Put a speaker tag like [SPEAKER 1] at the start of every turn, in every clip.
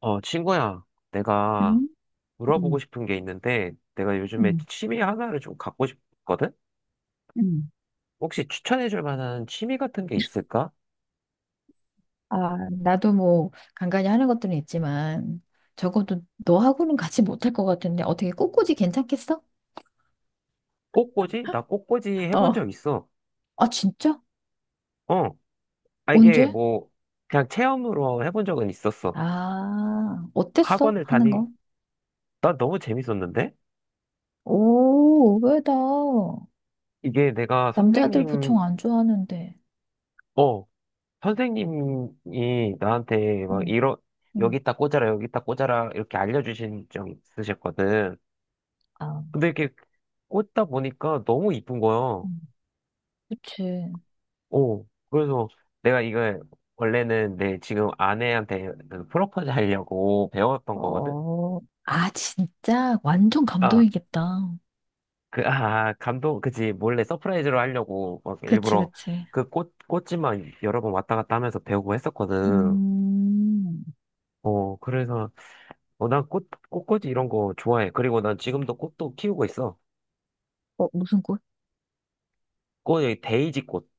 [SPEAKER 1] 어, 친구야, 내가
[SPEAKER 2] 음,
[SPEAKER 1] 물어보고
[SPEAKER 2] 음,
[SPEAKER 1] 싶은 게 있는데, 내가 요즘에
[SPEAKER 2] 음,
[SPEAKER 1] 취미 하나를 좀 갖고 싶거든?
[SPEAKER 2] 음.
[SPEAKER 1] 혹시 추천해줄 만한 취미 같은 게 있을까?
[SPEAKER 2] 아, 나도 뭐 간간히 하는 것들은 있지만 적어도 너하고는 같이 못할 것 같은데 어떻게 꽃꽂이 괜찮겠어?
[SPEAKER 1] 꽃꽂이? 나 꽃꽂이 해본
[SPEAKER 2] 어,
[SPEAKER 1] 적 있어.
[SPEAKER 2] 아, 진짜?
[SPEAKER 1] 어, 이게
[SPEAKER 2] 언제?
[SPEAKER 1] 뭐, 그냥 체험으로 해본 적은 있었어.
[SPEAKER 2] 아, 어땠어?
[SPEAKER 1] 학원을
[SPEAKER 2] 하는
[SPEAKER 1] 다니,
[SPEAKER 2] 거?
[SPEAKER 1] 나 너무 재밌었는데?
[SPEAKER 2] 오, 의외다.
[SPEAKER 1] 이게 내가
[SPEAKER 2] 남자들
[SPEAKER 1] 선생님,
[SPEAKER 2] 보통 안 좋아하는데.
[SPEAKER 1] 어, 선생님이 나한테 막
[SPEAKER 2] 응, 응.
[SPEAKER 1] 여기다 꽂아라, 여기다 꽂아라, 이렇게 알려주신 적 있으셨거든.
[SPEAKER 2] 아,
[SPEAKER 1] 근데 이렇게 꽂다 보니까 너무 이쁜 거야.
[SPEAKER 2] 음, 그치.
[SPEAKER 1] 어, 그래서 내가 이걸 원래는 내 지금 아내한테 그 프로포즈 하려고 배웠던 거거든?
[SPEAKER 2] 어, 아, 진짜? 완전
[SPEAKER 1] 아,
[SPEAKER 2] 감동이겠다.
[SPEAKER 1] 그, 아, 감동, 그지. 몰래 서프라이즈로 하려고 막
[SPEAKER 2] 그치,
[SPEAKER 1] 일부러
[SPEAKER 2] 그치.
[SPEAKER 1] 그 꽃지만 여러 번 왔다 갔다 하면서 배우고 했었거든.
[SPEAKER 2] 음,
[SPEAKER 1] 그래서, 난 꽃꽂이 이런 거 좋아해. 그리고 난 지금도 꽃도 키우고 있어.
[SPEAKER 2] 어, 무슨
[SPEAKER 1] 여기 데이지 꽃.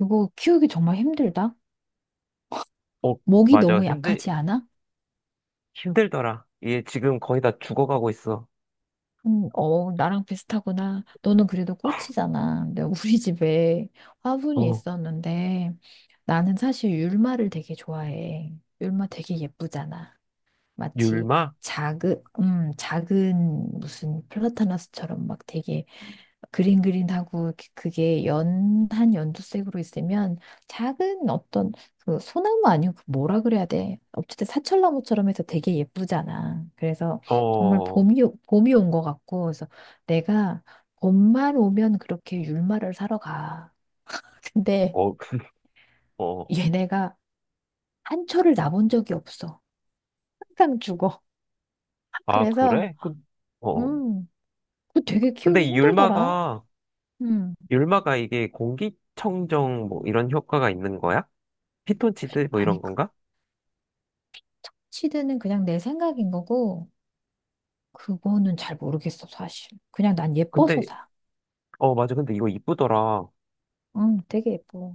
[SPEAKER 2] 이거 키우기 정말 힘들다.
[SPEAKER 1] 어,
[SPEAKER 2] 목이
[SPEAKER 1] 맞아.
[SPEAKER 2] 너무 약하지 않아?
[SPEAKER 1] 힘들더라. 얘 지금 거의 다 죽어가고 있어.
[SPEAKER 2] 어, 나랑 비슷하구나. 너는 그래도 꽃이잖아. 근데 우리 집에 화분이
[SPEAKER 1] 어.
[SPEAKER 2] 있었는데 나는 사실 율마를 되게 좋아해. 율마 되게 예쁘잖아. 마치
[SPEAKER 1] 율마?
[SPEAKER 2] 작은, 작은 무슨 플라타나스처럼 막 되게 그린그린하고 이렇게 그게 연한 연두색으로 있으면 작은 어떤 그 소나무 아니고 그 뭐라 그래야 돼. 어쨌든 사철나무처럼 해서 되게 예쁘잖아. 그래서
[SPEAKER 1] 어,
[SPEAKER 2] 정말
[SPEAKER 1] 어,
[SPEAKER 2] 봄이, 오- 봄이 온 것 같고, 그래서 내가 봄만 오면 그렇게 율마를 사러 가. 근데
[SPEAKER 1] 어,
[SPEAKER 2] 얘네가 한 초를 나 본 적이 없어. 항상 죽어.
[SPEAKER 1] 아,
[SPEAKER 2] 그래서,
[SPEAKER 1] 그래? 그, 어.
[SPEAKER 2] 음. 그거 되게
[SPEAKER 1] 근데
[SPEAKER 2] 키우기
[SPEAKER 1] 이
[SPEAKER 2] 힘들더라. 음.
[SPEAKER 1] 율마가 이게 공기청정 뭐 이런 효과가 있는 거야? 피톤치드 뭐 이런
[SPEAKER 2] 아니, 그
[SPEAKER 1] 건가?
[SPEAKER 2] 착취드는 그냥 내 생각인 거고, 그거는 잘 모르겠어, 사실. 그냥 난 예뻐서
[SPEAKER 1] 근데,
[SPEAKER 2] 사.
[SPEAKER 1] 어, 맞아. 근데 이거 이쁘더라.
[SPEAKER 2] 응, 되게 예뻐.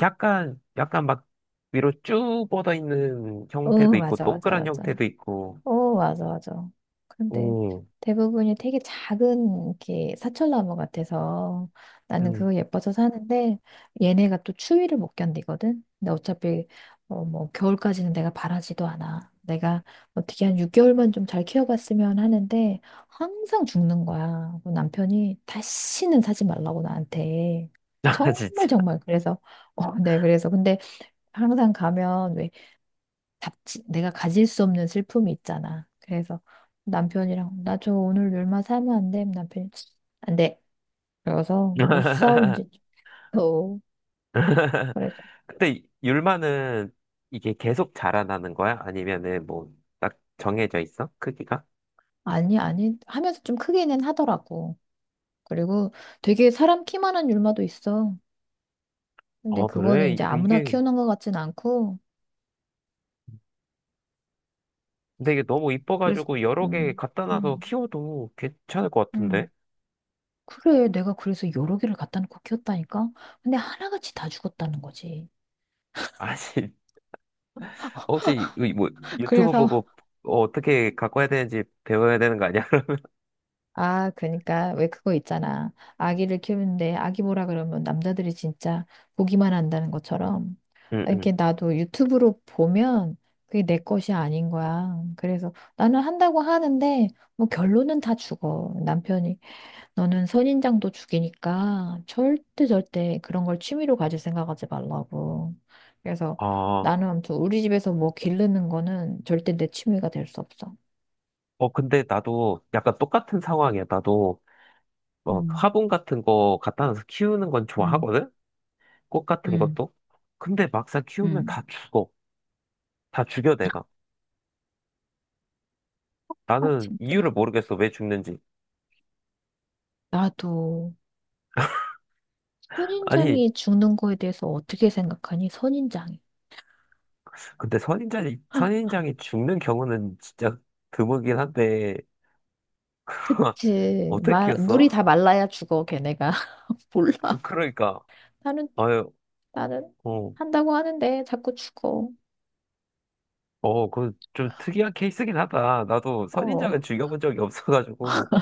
[SPEAKER 1] 약간 막 위로 쭉 뻗어 있는
[SPEAKER 2] 어,
[SPEAKER 1] 형태도 있고,
[SPEAKER 2] 맞아, 맞아,
[SPEAKER 1] 동그란
[SPEAKER 2] 맞아.
[SPEAKER 1] 형태도 있고,
[SPEAKER 2] 오, 맞아, 맞아. 그런데
[SPEAKER 1] 오.
[SPEAKER 2] 대부분이 되게 작은 이렇게 사철나무 같아서 나는 그거 예뻐서 사는데 얘네가 또 추위를 못 견디거든. 근데 어차피 어, 뭐 겨울까지는 내가 바라지도 않아. 내가 어떻게 한 6개월만 좀 잘 키워봤으면 하는데 항상 죽는 거야. 그 남편이 다시는 사지 말라고 나한테.
[SPEAKER 1] 아,
[SPEAKER 2] 정말
[SPEAKER 1] 진짜.
[SPEAKER 2] 정말 그래서 어, 네 그래서 근데 항상 가면 왜 잡지, 내가 가질 수 없는 슬픔이 있잖아. 그래서 남편이랑 나 저 오늘 얼마 사면 안 돼? 남편이 안 돼. 그래서 못 사온 지 어. 그래서
[SPEAKER 1] 근데 율마는 이게 계속 자라나는 거야? 아니면은 뭐, 딱 정해져 있어? 크기가?
[SPEAKER 2] 아니 아니 하면서 좀 크게는 하더라고. 그리고 되게 사람 키만한 율마도 있어. 근데
[SPEAKER 1] 아,
[SPEAKER 2] 그거는
[SPEAKER 1] 그래?
[SPEAKER 2] 이제 아무나 키우는 것 같진 않고
[SPEAKER 1] 근데 이게 너무
[SPEAKER 2] 그래서
[SPEAKER 1] 이뻐가지고 여러 개
[SPEAKER 2] 음,
[SPEAKER 1] 갖다 놔서
[SPEAKER 2] 음,
[SPEAKER 1] 키워도 괜찮을 것 같은데?
[SPEAKER 2] 음. 그래 내가 그래서 여러 개를 갖다 놓고 키웠다니까. 근데 하나같이 다 죽었다는 거지.
[SPEAKER 1] 아니, 혹시 뭐 유튜브
[SPEAKER 2] 그래서
[SPEAKER 1] 보고 어떻게 갖고 해야 되는지 배워야 되는 거 아니야?
[SPEAKER 2] 아, 그러니까 왜 그거 있잖아. 아기를 키우는데 아기 보라 그러면 남자들이 진짜 보기만 한다는 것처럼
[SPEAKER 1] 응,
[SPEAKER 2] 이렇게
[SPEAKER 1] 응.
[SPEAKER 2] 나도 유튜브로 보면 그게 내 것이 아닌 거야. 그래서 나는 한다고 하는데 뭐 결론은 다 죽어. 남편이 너는 선인장도 죽이니까 절대 절대 그런 걸 취미로 가질 생각하지 말라고. 그래서
[SPEAKER 1] 아,
[SPEAKER 2] 나는 아무튼 우리 집에서 뭐 기르는 거는 절대 내 취미가 될 수 없어.
[SPEAKER 1] 어, 근데 나도 약간 똑같은 상황이야. 나도 뭐
[SPEAKER 2] 음,
[SPEAKER 1] 화분 같은 거 갖다 놔서 키우는 건
[SPEAKER 2] 음,
[SPEAKER 1] 좋아하거든? 꽃 같은
[SPEAKER 2] 음,
[SPEAKER 1] 것도? 근데 막상 키우면
[SPEAKER 2] 음.
[SPEAKER 1] 다 죽어. 다 죽여, 내가.
[SPEAKER 2] 아,
[SPEAKER 1] 나는
[SPEAKER 2] 진짜.
[SPEAKER 1] 이유를 모르겠어. 왜 죽는지.
[SPEAKER 2] 나도
[SPEAKER 1] 아니,
[SPEAKER 2] 선인장이 죽는 거에 대해서 어떻게 생각하니? 선인장이.
[SPEAKER 1] 근데 선인장이 죽는 경우는 진짜 드물긴 한데,
[SPEAKER 2] 그치.
[SPEAKER 1] 어떻게
[SPEAKER 2] 말,
[SPEAKER 1] 키웠어?
[SPEAKER 2] 물이 다 말라야 죽어, 걔네가. 몰라.
[SPEAKER 1] 그러니까,
[SPEAKER 2] 나는,
[SPEAKER 1] 아유,
[SPEAKER 2] 나는
[SPEAKER 1] 어,
[SPEAKER 2] 한다고 하는데 자꾸 죽어.
[SPEAKER 1] 어, 그 좀 특이한 케이스긴 하다. 나도
[SPEAKER 2] 어.
[SPEAKER 1] 선인장은 죽여본 적이 없어가지고.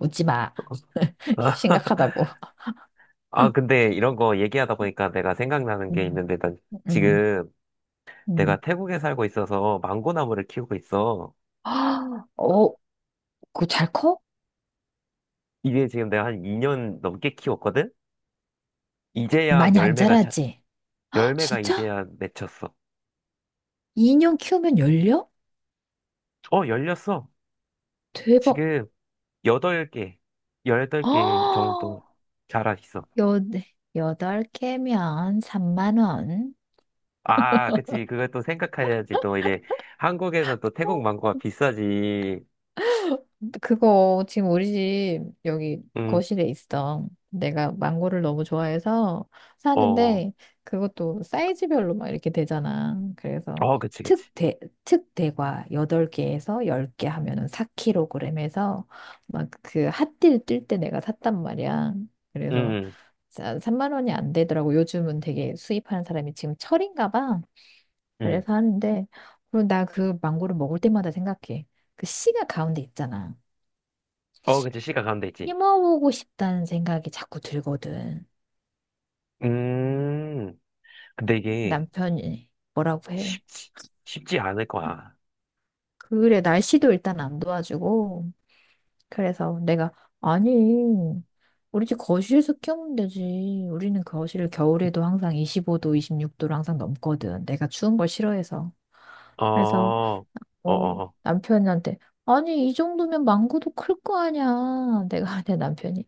[SPEAKER 2] 웃지 마.
[SPEAKER 1] 아,
[SPEAKER 2] 심각하다고.
[SPEAKER 1] 아, 근데 이런 거 얘기하다 보니까 내가 생각나는 게
[SPEAKER 2] 음,
[SPEAKER 1] 있는데, 난
[SPEAKER 2] 음,
[SPEAKER 1] 지금 내가
[SPEAKER 2] 음.
[SPEAKER 1] 태국에 살고 있어서 망고나무를 키우고 있어.
[SPEAKER 2] 아, 어, 그거 잘 커?
[SPEAKER 1] 이게 지금 내가 한 2년 넘게 키웠거든? 이제야
[SPEAKER 2] 많이 안 자라지? 헉,
[SPEAKER 1] 열매가
[SPEAKER 2] 진짜?
[SPEAKER 1] 이제야 맺혔어.
[SPEAKER 2] 2년 키우면 열려?
[SPEAKER 1] 어, 열렸어.
[SPEAKER 2] 대박.
[SPEAKER 1] 지금 여덟 개, 열덟 개
[SPEAKER 2] 아,
[SPEAKER 1] 정도 자라 있어.
[SPEAKER 2] 여, 여덟 개면 3만 원.
[SPEAKER 1] 아, 그치. 그걸 또 생각해야지. 또 이제 한국에서 또 태국 망고가 비싸지.
[SPEAKER 2] 그거 지금 우리 집 여기
[SPEAKER 1] 음,
[SPEAKER 2] 거실에 있어. 내가 망고를 너무 좋아해서
[SPEAKER 1] 어,
[SPEAKER 2] 사는데 그것도 사이즈별로 막 이렇게 되잖아. 그래서
[SPEAKER 1] 어, 그치, 그치.
[SPEAKER 2] 특대, 특대과 8개에서 10개 하면은 4kg에서 막 그 핫딜 뜰 때 내가 샀단 말이야. 그래서
[SPEAKER 1] 음,
[SPEAKER 2] 자, 3만 원이 안 되더라고. 요즘은 되게 수입하는 사람이 지금 철인가 봐.
[SPEAKER 1] 음.
[SPEAKER 2] 그래서 하는데 그리고 나 그 망고를 먹을 때마다 생각해. 그 씨가 가운데 있잖아.
[SPEAKER 1] 어, 그치. 시가 가운데 있지.
[SPEAKER 2] 힘어보고 싶다는 생각이 자꾸 들거든.
[SPEAKER 1] 음, 근데 이게
[SPEAKER 2] 남편이 뭐라고 해.
[SPEAKER 1] 쉽지, 쉽지 않을 거야.
[SPEAKER 2] 그래, 날씨도 일단 안 도와주고. 그래서 내가, 아니, 우리 집 거실에서 키우면 되지. 우리는 거실을 겨울에도 항상 25도, 26도로 항상 넘거든. 내가 추운 걸 싫어해서.
[SPEAKER 1] 어,
[SPEAKER 2] 그래서
[SPEAKER 1] 어,
[SPEAKER 2] 어,
[SPEAKER 1] 어.
[SPEAKER 2] 남편한테, 아니, 이 정도면 망고도 클 거 아니야. 내가 내 남편이,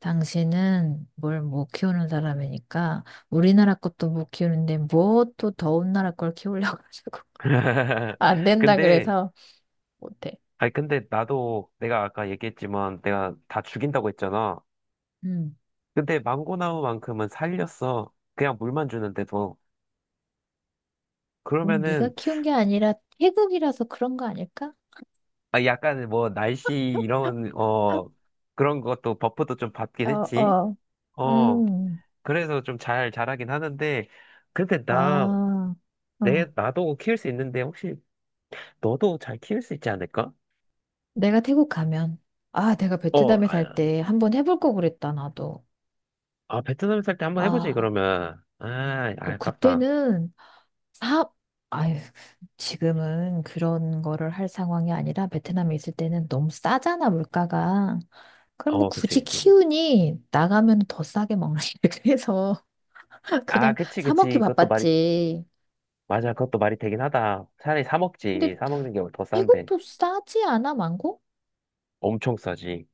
[SPEAKER 2] 당신은 뭘 못 키우는 사람이니까, 우리나라 것도 못 키우는데, 뭐 또 더운 나라 걸 키우려고 하자고. 안 된다
[SPEAKER 1] 근데,
[SPEAKER 2] 그래서 못해.
[SPEAKER 1] 아니, 근데 나도 내가 아까 얘기했지만 내가 다 죽인다고 했잖아.
[SPEAKER 2] 음,
[SPEAKER 1] 근데 망고나무만큼은 살렸어. 그냥 물만 주는데도.
[SPEAKER 2] 뭔 네가
[SPEAKER 1] 그러면은,
[SPEAKER 2] 키운 게 아니라 태국이라서 그런 거 아닐까?
[SPEAKER 1] 아, 약간 뭐, 날씨, 이런, 그런 것도 버프도 좀 받긴
[SPEAKER 2] 어,
[SPEAKER 1] 했지.
[SPEAKER 2] 어,
[SPEAKER 1] 어,
[SPEAKER 2] 음,
[SPEAKER 1] 그래서 좀 잘 자라긴 하는데, 근데
[SPEAKER 2] 아, 어.
[SPEAKER 1] 나도 키울 수 있는데, 혹시 너도 잘 키울 수 있지 않을까?
[SPEAKER 2] 내가 태국 가면, 아, 내가
[SPEAKER 1] 어,
[SPEAKER 2] 베트남에
[SPEAKER 1] 아,
[SPEAKER 2] 살 때 한번 해볼 거 그랬다, 나도.
[SPEAKER 1] 아, 베트남 살 때 한번 해보지,
[SPEAKER 2] 아.
[SPEAKER 1] 그러면. 아,
[SPEAKER 2] 뭐
[SPEAKER 1] 아깝다.
[SPEAKER 2] 그때는 사업, 아유, 지금은 그런 거를 할 상황이 아니라 베트남에 있을 때는 너무 싸잖아, 물가가. 그럼 뭐
[SPEAKER 1] 어, 그치,
[SPEAKER 2] 굳이
[SPEAKER 1] 그치.
[SPEAKER 2] 키우니 나가면 더 싸게 먹는 그래서
[SPEAKER 1] 아,
[SPEAKER 2] 그냥
[SPEAKER 1] 그치,
[SPEAKER 2] 사 먹기
[SPEAKER 1] 그치.
[SPEAKER 2] 바빴지.
[SPEAKER 1] 맞아. 그것도 말이 되긴 하다. 차라리 사
[SPEAKER 2] 근데
[SPEAKER 1] 먹지. 사 먹는 게 더 싼데.
[SPEAKER 2] 태국도 싸지 않아, 망고?
[SPEAKER 1] 엄청 싸지.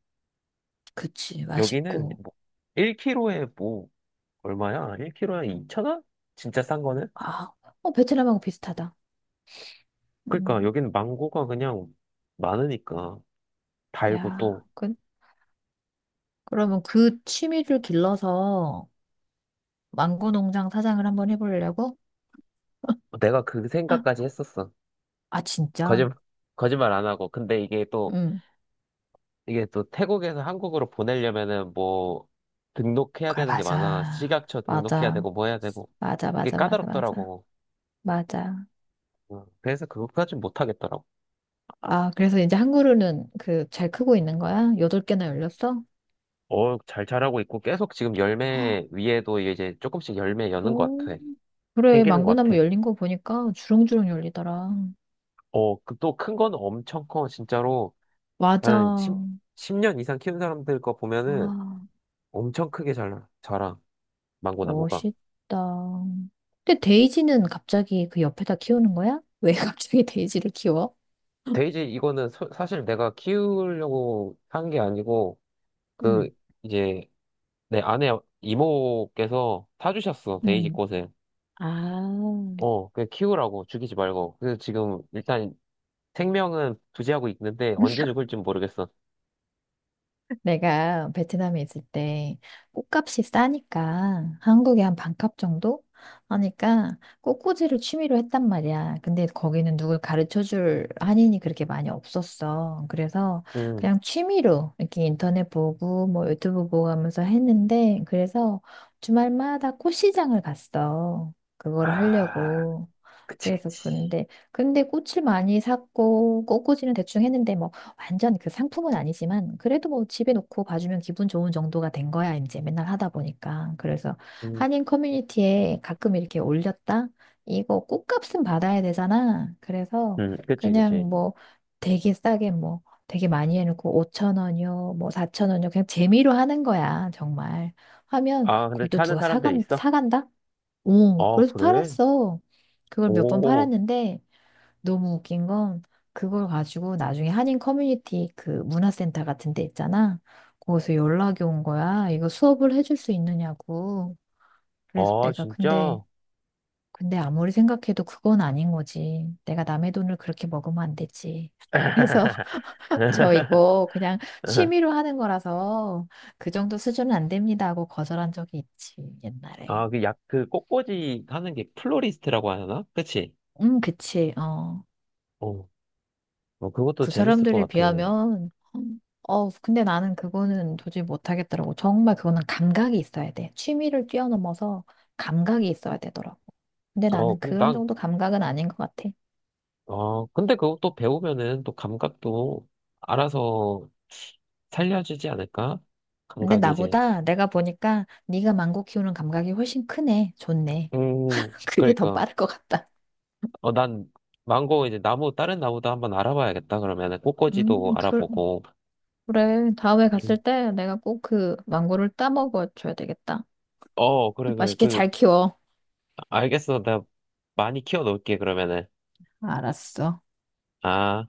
[SPEAKER 2] 그치,
[SPEAKER 1] 여기는
[SPEAKER 2] 맛있고.
[SPEAKER 1] 뭐 1kg에 뭐 얼마야? 1kg에 2천원 진짜 싼 거는?
[SPEAKER 2] 아, 어, 베트남하고 비슷하다.
[SPEAKER 1] 그러니까
[SPEAKER 2] 음,
[SPEAKER 1] 여기는 망고가 그냥 많으니까 달고
[SPEAKER 2] 야,
[SPEAKER 1] 또
[SPEAKER 2] 그, 그러면 그 취미를 길러서 망고 농장 사장을 한번 해보려고?
[SPEAKER 1] 내가 그 생각까지 했었어.
[SPEAKER 2] 아, 진짜?
[SPEAKER 1] 거짓말 거짓말 안 하고. 근데 이게 또
[SPEAKER 2] 응.
[SPEAKER 1] 태국에서 한국으로 보내려면은 뭐 등록해야
[SPEAKER 2] 그래,
[SPEAKER 1] 되는 게 많아.
[SPEAKER 2] 맞아.
[SPEAKER 1] 식약처 등록해야
[SPEAKER 2] 맞아.
[SPEAKER 1] 되고 뭐 해야 되고.
[SPEAKER 2] 맞아,
[SPEAKER 1] 그게
[SPEAKER 2] 맞아, 맞아, 맞아.
[SPEAKER 1] 까다롭더라고.
[SPEAKER 2] 맞아.
[SPEAKER 1] 그래서 그것까진 못하겠더라고.
[SPEAKER 2] 아, 그래서 이제 한 그루는 그 잘 크고 있는 거야? 8개나 열렸어?
[SPEAKER 1] 어, 잘 자라고 있고 계속 지금 열매 위에도 이제 조금씩 열매 여는 것
[SPEAKER 2] 오,
[SPEAKER 1] 같아.
[SPEAKER 2] 그래.
[SPEAKER 1] 생기는 것
[SPEAKER 2] 망고나무
[SPEAKER 1] 같아.
[SPEAKER 2] 열린 거 보니까 주렁주렁 열리더라.
[SPEAKER 1] 어, 그 또 큰 건 엄청 커, 진짜로. 한
[SPEAKER 2] 맞아.
[SPEAKER 1] 10 년 이상 키운 사람들 거 보면은
[SPEAKER 2] 아,
[SPEAKER 1] 엄청 크게 자라, 망고 나무가.
[SPEAKER 2] 멋있다. 근데 데이지는 갑자기 그 옆에다 키우는 거야? 왜 갑자기 데이지를 키워?
[SPEAKER 1] 데이지 이거는 사실 내가 키우려고 한 게 아니고
[SPEAKER 2] 응,
[SPEAKER 1] 그 이제 내 아내 이모께서 사주셨어, 데이지
[SPEAKER 2] 응.
[SPEAKER 1] 꽃을.
[SPEAKER 2] 아,
[SPEAKER 1] 그냥 키우라고, 죽이지 말고. 그래서 지금 일단 생명은 부지하고 있는데 언제 죽을지 모르겠어.
[SPEAKER 2] 내가 베트남에 있을 때 꽃값이 싸니까 한국에 한 반값 정도 하니까 꽃꽂이를 취미로 했단 말이야. 근데 거기는 누굴 가르쳐 줄 한인이 그렇게 많이 없었어. 그래서
[SPEAKER 1] 음.
[SPEAKER 2] 그냥 취미로 이렇게 인터넷 보고 뭐 유튜브 보고 하면서 했는데 그래서 주말마다 꽃시장을 갔어. 그걸
[SPEAKER 1] 아,
[SPEAKER 2] 하려고.
[SPEAKER 1] 그치,
[SPEAKER 2] 그래서
[SPEAKER 1] 그치.
[SPEAKER 2] 근데 근데 꽃을 많이 샀고 꽃꽂이는 대충 했는데 뭐 완전 그 상품은 아니지만 그래도 뭐 집에 놓고 봐주면 기분 좋은 정도가 된 거야. 이제 맨날 하다 보니까 그래서
[SPEAKER 1] 음,
[SPEAKER 2] 한인 커뮤니티에 가끔 이렇게 올렸다. 이거 꽃값은 받아야 되잖아. 그래서
[SPEAKER 1] 그치, 그치.
[SPEAKER 2] 그냥 뭐 되게 싸게 뭐 되게 많이 해놓고 5천 원이요 뭐 4천 원이요 그냥 재미로 하는 거야 정말. 하면
[SPEAKER 1] 아, 근데
[SPEAKER 2] 그걸 또
[SPEAKER 1] 사는
[SPEAKER 2] 누가
[SPEAKER 1] 사람들
[SPEAKER 2] 사간
[SPEAKER 1] 있어?
[SPEAKER 2] 사간다? 오
[SPEAKER 1] 아,
[SPEAKER 2] 그래서
[SPEAKER 1] 그래?
[SPEAKER 2] 팔았어. 그걸 몇 번
[SPEAKER 1] 오,
[SPEAKER 2] 팔았는데 너무 웃긴 건 그걸 가지고 나중에 한인 커뮤니티 그 문화센터 같은 데 있잖아. 거기서 연락이 온 거야. 이거 수업을 해줄 수 있느냐고. 그래서
[SPEAKER 1] 아,
[SPEAKER 2] 내가 근데
[SPEAKER 1] 진짜?
[SPEAKER 2] 근데 아무리 생각해도 그건 아닌 거지. 내가 남의 돈을 그렇게 먹으면 안 되지. 그래서 저 이거 그냥 취미로 하는 거라서 그 정도 수준은 안 됩니다 하고 거절한 적이 있지, 옛날에.
[SPEAKER 1] 아, 그 그 꽃꽂이 하는 게 플로리스트라고 하나? 그치?
[SPEAKER 2] 그치. 어.
[SPEAKER 1] 어, 어, 그것도
[SPEAKER 2] 그
[SPEAKER 1] 재밌을 것
[SPEAKER 2] 사람들에
[SPEAKER 1] 같아.
[SPEAKER 2] 비하면, 어, 근데 나는 그거는 도저히 못하겠더라고. 정말 그거는 감각이 있어야 돼. 취미를 뛰어넘어서 감각이 있어야 되더라고. 근데
[SPEAKER 1] 어,
[SPEAKER 2] 나는
[SPEAKER 1] 근데
[SPEAKER 2] 그런 정도 감각은 아닌 것 같아.
[SPEAKER 1] 근데 그것도 배우면은 또 감각도 알아서 살려주지 않을까?
[SPEAKER 2] 근데
[SPEAKER 1] 감각이 이제,
[SPEAKER 2] 나보다 내가 보니까 네가 망고 키우는 감각이 훨씬 크네. 좋네.
[SPEAKER 1] 음,
[SPEAKER 2] 그게 더
[SPEAKER 1] 그러니까.
[SPEAKER 2] 빠를 것 같다.
[SPEAKER 1] 어, 난 망고 이제 나무 다른 나무도 한번 알아봐야겠다. 그러면은 꽃꽂이도
[SPEAKER 2] 그,
[SPEAKER 1] 알아보고.
[SPEAKER 2] 그래. 다음에 갔을
[SPEAKER 1] 음.
[SPEAKER 2] 때 내가 꼭 그 망고를 따먹어 줘야 되겠다.
[SPEAKER 1] 어, 그래 그래.
[SPEAKER 2] 맛있게
[SPEAKER 1] 그
[SPEAKER 2] 잘 키워.
[SPEAKER 1] 알겠어. 내가 많이 키워 놓을게 그러면은.
[SPEAKER 2] 알았어.
[SPEAKER 1] 아.